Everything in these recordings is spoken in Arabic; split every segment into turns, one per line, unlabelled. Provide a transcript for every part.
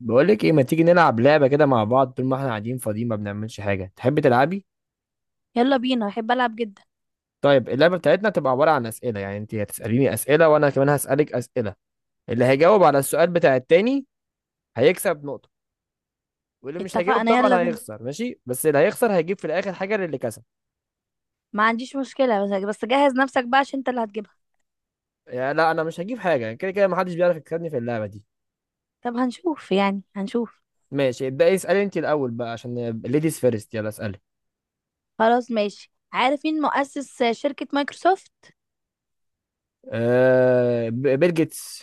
بقولك ايه، ما تيجي نلعب لعبة كده مع بعض طول ما احنا قاعدين فاضيين، ما بنعملش حاجة؟ تحبي تلعبي؟
يلا بينا، احب العب جدا.
طيب، اللعبة بتاعتنا تبقى عبارة عن أسئلة. يعني انت هتسأليني أسئلة وانا كمان هسألك أسئلة. اللي هيجاوب على السؤال بتاع التاني هيكسب نقطة، واللي مش هيجاوب
اتفقنا، يلا
طبعا
بينا.
هيخسر. ماشي، بس اللي هيخسر هيجيب في الآخر حاجة للي كسب.
ما عنديش مشكلة، بس جهز نفسك بقى عشان انت اللي هتجيبها.
يعني لا، انا مش هجيب حاجة، كده كده محدش بيعرف يكسبني في اللعبة دي.
طب هنشوف، يعني هنشوف.
ماشي، ابدأي اسألي انت الأول بقى عشان ليديز فيرست، يلا اسألي.
خلاص ماشي، عارفين مؤسس شركة مايكروسوفت؟
آه، بيل جيتس.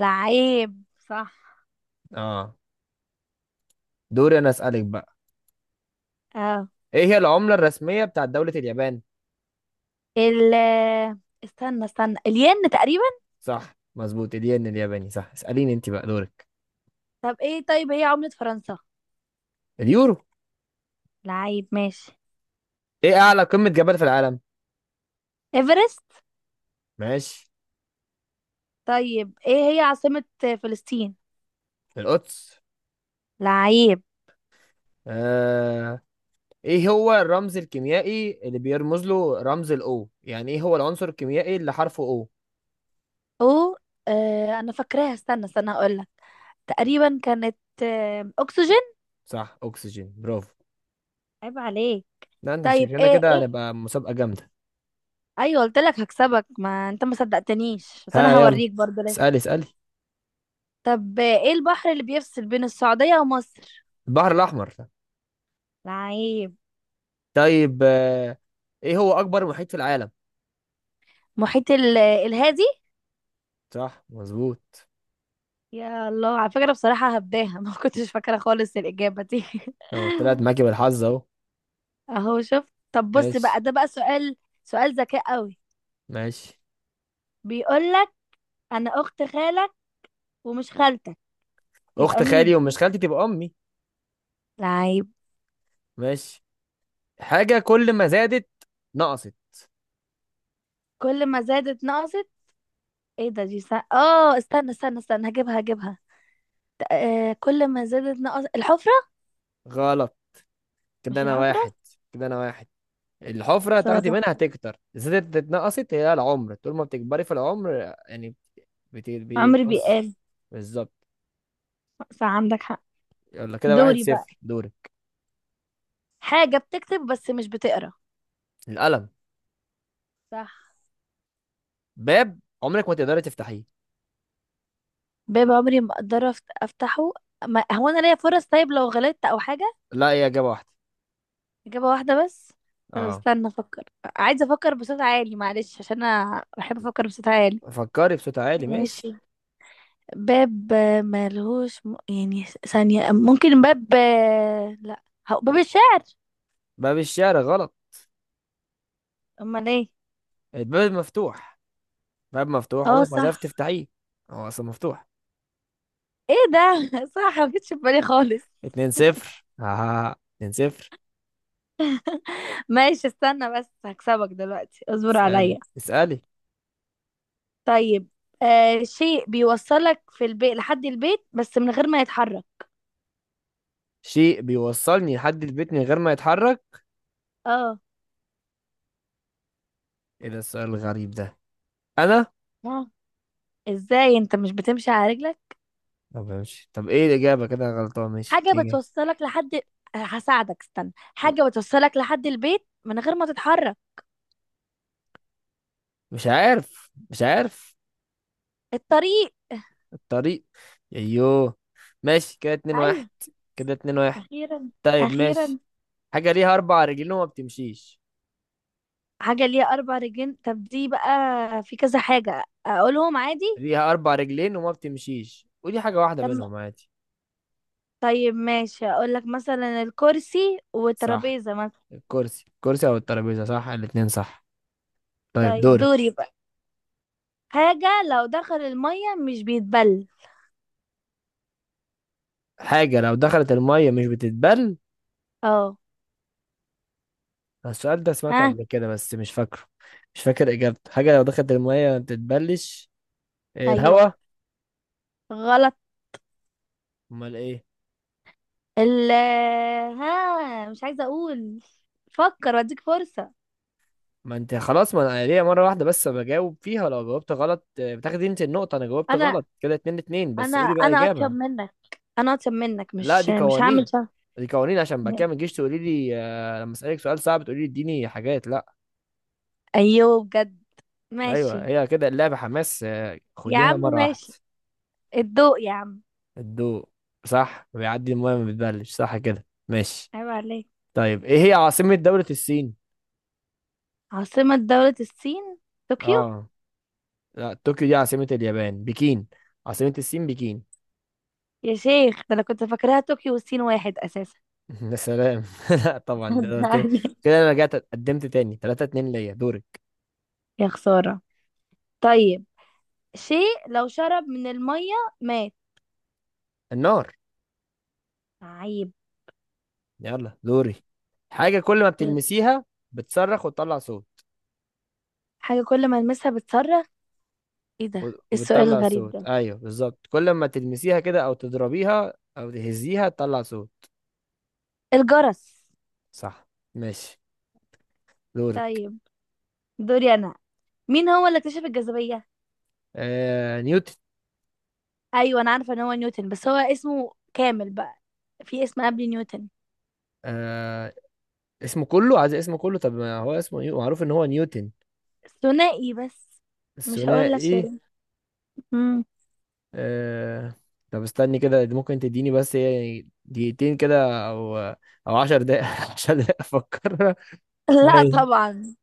لعيب، صح.
اه، دوري انا اسألك بقى.
اه.
ايه هي العملة الرسمية بتاعت دولة اليابان؟
ال استنى استنى، الين تقريبا.
صح مظبوط، الين الياباني. صح، اسأليني انت بقى، دورك.
طب ايه، طيب هي عملة فرنسا؟
اليورو.
لعيب ماشي.
ايه اعلى قمة جبل في العالم؟
ايفرست.
ماشي.
طيب ايه هي عاصمة فلسطين؟
القدس.
لعيب.
آه... ايه هو الرمز الكيميائي اللي بيرمز له رمز الاو؟ يعني ايه هو العنصر الكيميائي اللي حرفه او؟
او، آه انا فاكراها، استنى استنى هقولك. تقريبا كانت، آه اكسجين.
صح، اكسجين، برافو.
عيب عليك.
لا، انت
طيب
شكلنا
ايه
كده
ايه؟
هنبقى مسابقة جامدة.
ايوه قلت لك هكسبك، ما انت ما صدقتنيش، بس
ها،
انا
يلا
هوريك برضه ليه.
اسألي اسألي.
طب ايه البحر اللي بيفصل بين السعودية ومصر؟
البحر الاحمر.
لعيب.
طيب ايه هو اكبر محيط في العالم؟
محيط الهادي.
صح مظبوط.
يا الله، على فكرة بصراحة هبداها، ما كنتش فاكرة خالص الإجابة دي.
اهو طلعت معاكي بالحظ اهو.
اهو شفت، طب بص بقى،
ماشي
ده بقى سؤال، سؤال ذكاء قوي.
ماشي.
بيقول لك، انا اخت خالك ومش خالتك،
اخت
يبقى
خالي
مين؟
ومش خالتي تبقى امي.
لعيب.
ماشي. حاجه كل ما زادت نقصت.
كل ما زادت نقصت. ايه ده؟ دي سا... اه استنى استنى استنى، هجيبها هجيبها. آه، كل ما زادت نقص الحفرة.
غلط. كده
مش
انا
الحفرة،
واحد. كده انا واحد. الحفره تاخدي
خسارة.
منها تكتر، زادت اتنقصت، هي العمر، طول ما بتكبري في العمر. يعني
عمرو
بينقص.
بيقال.
بالظبط.
صح، عندك حق.
يلا، كده واحد
دوري بقى.
صفر دوري.
حاجة بتكتب بس مش بتقرا.
القلم.
صح.
باب عمرك ما تقدري تفتحيه.
باب عمري ما اقدر افتحه. ما هو انا ليا فرص، طيب لو غلطت او حاجة؟
لا، هي اجابه واحده.
اجابة واحدة بس؟ طب
اه.
استنى افكر. عايزة افكر بصوت عالي، معلش عشان انا بحب افكر بصوت عالي.
فكري بصوت عالي، ماشي.
ماشي. باب آه، ملهوش م... يعني ثانية ممكن، باب آه، لا. باب الشعر.
باب الشارع غلط.
امال ايه؟
الباب مفتوح، باب مفتوح
اه
عمرك ما
صح.
هتعرف تفتحيه، هو اصلا مفتوح.
ايه ده؟ صح، ما جتش في بالي خالص.
اتنين صفر، ها، 2-0.
ماشي استنى بس، هكسبك دلوقتي، اصبر
اسألي
عليا.
اسألي.
طيب آه، شيء بيوصلك في البيت، لحد البيت بس من غير ما يتحرك.
شيء بيوصلني لحد البيت من غير ما يتحرك؟
اه.
ايه ده السؤال الغريب ده؟ انا؟
اه، ازاي؟ انت مش بتمشي على رجلك؟
طب ماشي، طب ايه الإجابة؟ كده أنا غلطان، ماشي،
حاجة
ايه الإجابة؟
بتوصلك لحد آه، هساعدك استنى، حاجة بتوصلك لحد البيت من غير ما تتحرك.
مش عارف، مش عارف.
الطريق.
الطريق. ايوه. ماشي، كده اتنين
ايوه.
واحد كده 2-1.
اخيرا،
طيب،
اخيرا.
ماشي. حاجة ليها أربع رجلين وما بتمشيش.
حاجة ليها اربع رجلين، طب دي بقى في كذا حاجة اقولهم عادي.
ليها أربع رجلين وما بتمشيش، ودي حاجة واحدة
طب،
منهم عادي.
طيب ماشي، اقول لك مثلا الكرسي
صح.
والترابيزة مثلا.
الكرسي أو الترابيزة، صح، الاتنين صح. طيب،
طيب
دورك.
دوري بقى. حاجة لو دخل المية مش بيتبل.
حاجة لو دخلت المية مش بتتبل.
اه.
السؤال ده سمعته
ها.
قبل كده بس مش فاكره. مش فاكر إجابته، حاجة لو دخلت المية ما بتتبلش. إيه،
ايوه.
الهوا.
غلط.
أمال إيه؟
ال ها، مش عايزة اقول. فكر واديك فرصة.
ما أنت خلاص، ما أنا ليا مرة واحدة بس بجاوب فيها، لو جاوبت غلط بتاخدي أنت النقطة. أنا جاوبت
انا
غلط، كده 2-2. بس
انا
قولي بقى
انا اطيب
إجابة.
منك، انا اطيب منك،
لا،
مش
دي
مش هعمل
قوانين،
شر.
دي قوانين عشان بعد كده ما تجيش تقولي لي لما أسألك سؤال صعب تقولي لي اديني حاجات. لا،
ايوه بجد.
أيوه،
ماشي
هي كده اللعبة حماس،
يا
خديها
عم،
مرة واحدة.
ماشي. الضوء يا عم.
الضوء. صح، بيعدي المية ما بتبلش، صح، كده ماشي.
عيب عليك.
طيب، ايه هي عاصمة دولة الصين؟
عاصمة دولة الصين، طوكيو.
اه. لا، طوكيو دي عاصمة اليابان، بكين. عاصمة الصين بكين.
يا شيخ، ده انا كنت فاكراها طوكيو، والصين واحد اساسا.
يا سلام لا طبعا، ده دور تاني.
صدقني.
كده انا رجعت قدمت تاني، 3-2 ليا، دورك.
يا خسارة. طيب، شيء لو شرب من المية مات.
النار.
عيب.
يلا، دوري. حاجة كل ما بتلمسيها بتصرخ وتطلع صوت.
حاجة كل ما المسها بتصرخ. ايه ده إيه السؤال
وبتطلع
الغريب
صوت،
ده؟
ايوه بالظبط، كل ما تلمسيها كده او تضربيها او تهزيها تطلع صوت.
الجرس.
صح، ماشي، دورك.
طيب دوري انا. مين هو اللي اكتشف الجاذبية؟
آه، نيوتن.
ايوه انا عارفة ان هو نيوتن، بس هو اسمه كامل بقى؟ في اسم قبل نيوتن.
آه، اسمه كله، عايز اسمه كله، طب ما هو اسمه معروف ان هو نيوتن.
ثنائي بس. مش هقول لك،
الثنائي.
سوري. مم.
آه... طب استني كده، دي ممكن تديني بس يعني دقيقتين كده، او 10 دقايق 10 دقايق افكر.
لا
ماشي.
طبعا.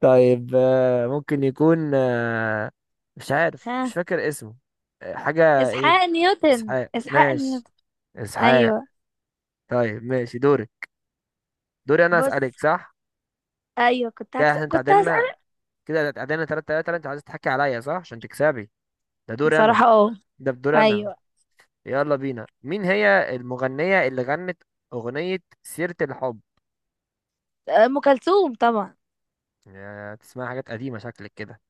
طيب ممكن يكون مش عارف، مش
ها،
فاكر اسمه. حاجة ايه؟
اسحاق نيوتن،
اسحاق،
اسحاق
ماشي،
نيوتن.
اسحاق.
ايوه.
طيب، ماشي، دوري انا
بص،
اسألك، صح،
ايوه
كده احنا
كنت
تعادلنا،
هسألك.
كده تعادلنا 3-3. انت عايز تحكي عليا صح عشان تكسبي؟ ده دوري انا،
بصراحة اه.
ده بدوري انا.
ايوه.
يلا بينا، مين هي المغنية اللي غنت أغنية سيرة الحب؟
آه، ام كلثوم طبعا.
يا تسمع حاجات قديمة شكلك كده.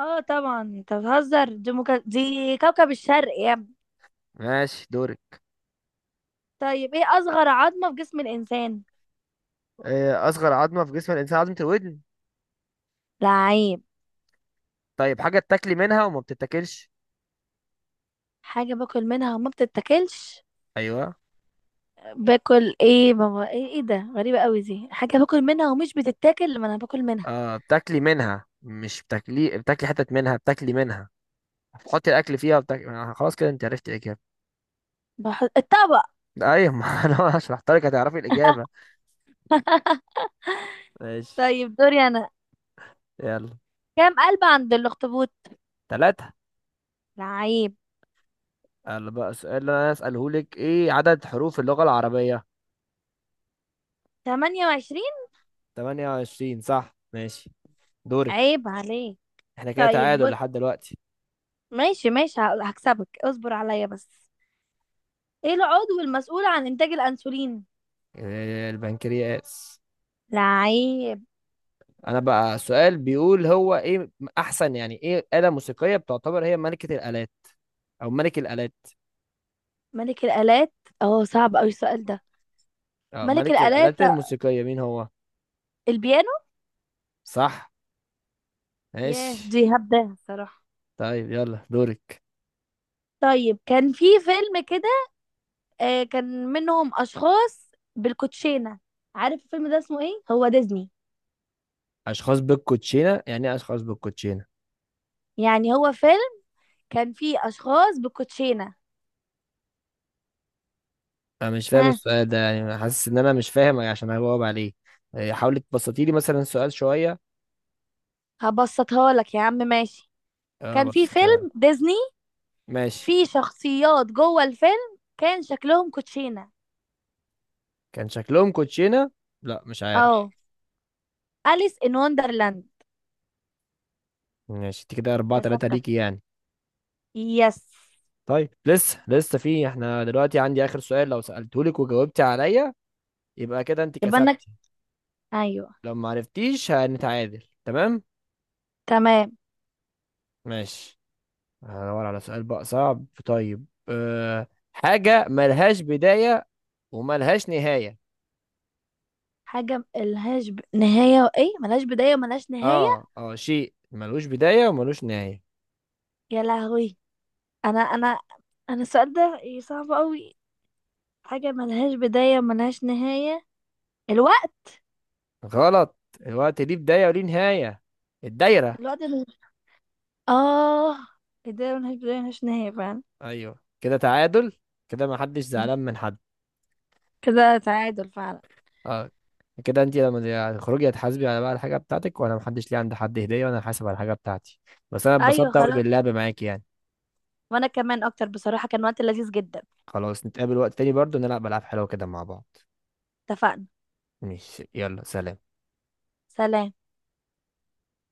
اه طبعا، انت بتهزر، دي كوكب الشرق يا ابني.
ماشي، دورك.
طيب ايه اصغر عظمة في جسم الانسان؟
آه، أصغر عظمة في جسم الإنسان عظمة الودن.
لعيب.
طيب، حاجة بتاكلي منها وما بتتاكلش.
حاجة باكل منها وما بتتاكلش؟
أيوه.
باكل ايه بابا؟ ايه ايه ده؟ غريبة قوي دي، حاجة باكل منها ومش بتتاكل لما انا باكل منها؟
آه، بتاكلي منها، مش بتاكلي، بتاكلي حتت منها، بتاكلي منها، بتحطي الأكل فيها وبتاكلي. خلاص كده أنت عرفت الإجابة.
بحط الطبق.
أيوه، ما أنا شرحت لك هتعرفي الإجابة. ماشي.
طيب دوري انا.
يلا،
كام قلب عند الاخطبوط؟
تلاتة.
لعيب.
يلا بقى، السؤال اللي أنا أسأله لك، إيه عدد حروف اللغة العربية؟
28.
28. صح، ماشي، دورك.
عيب عليك.
احنا كده
طيب
تعادل
بص،
لحد دلوقتي.
ماشي ماشي، هكسبك، اصبر عليا بس. ايه العضو المسؤول عن انتاج الانسولين؟
آه، البنكرياس.
لعيب.
انا بقى السؤال بيقول هو ايه، احسن. يعني ايه آلة موسيقية بتعتبر هي ملكة الآلات او ملك الآلات؟
ملك الالات. اه، صعب اوي السؤال ده.
اه،
ملك
ملك
الالات،
الآلات الموسيقية مين هو؟
البيانو.
صح.
ياه،
ماشي،
دي هبداها الصراحه.
طيب، يلا دورك.
طيب كان في فيلم كده، آه كان منهم اشخاص بالكوتشينه. عارف الفيلم ده اسمه ايه؟ هو ديزني.
اشخاص بالكوتشينة؟ يعني ايه اشخاص بالكوتشينة؟
يعني هو فيلم كان فيه اشخاص بالكوتشينه.
انا مش فاهم
ها.
السؤال ده، يعني أنا حاسس ان انا مش فاهم عشان هجاوب عليه. حاولي تبسطيلي مثلا السؤال شوية.
هبسطها لك يا عم، ماشي.
اه،
كان في
بسطيها.
فيلم ديزني،
ماشي.
في شخصيات جوه الفيلم كان شكلهم كوتشينة.
كان شكلهم كوتشينة. لا، مش عارف.
اه. أليس إن وندرلاند.
ماشي، انت كده 4-3
كسبتك،
ليكي يعني.
يس.
طيب، لسه لسه في احنا دلوقتي عندي آخر سؤال، لو سألتهولك وجاوبتي عليا يبقى كده انت
يبقى انك،
كسبتي.
ايوه.
لو ما عرفتيش هنتعادل، تمام؟
تمام.
ماشي. هدور على سؤال بقى صعب. طيب، حاجة ملهاش بداية وملهاش نهاية.
حاجة ملهاش ب... نهاية وايه ملهاش بداية وملهاش نهاية.
اه اه، شيء ملوش بداية وملوش نهاية.
يا لهوي. انا انا السؤال ده إيه، صعب قوي. حاجة ملهاش بداية وملهاش نهاية، الوقت.
غلط. الوقت ليه بداية وليه نهاية. الدايرة.
الوقت اللي... اه، ملهاش بداية ملهاش نهاية فعلا.
ايوه. كده تعادل، كده ما حدش زعلان من حد.
كده تعادل فعلا.
اه، كده انت لما تخرجي هتحاسبي على بقى الحاجه بتاعتك، وانا ما حدش ليه عند حد هديه، وانا حاسب على الحاجه بتاعتي. بس انا
ايوه
اتبسطت قوي
خلاص.
باللعب معاكي يعني.
وانا كمان اكتر، بصراحة كان وقت لذيذ جدا.
خلاص، نتقابل وقت تاني برضو نلعب العاب حلوه كده مع بعض.
اتفقنا.
ماشي، يلا سلام.
سلام.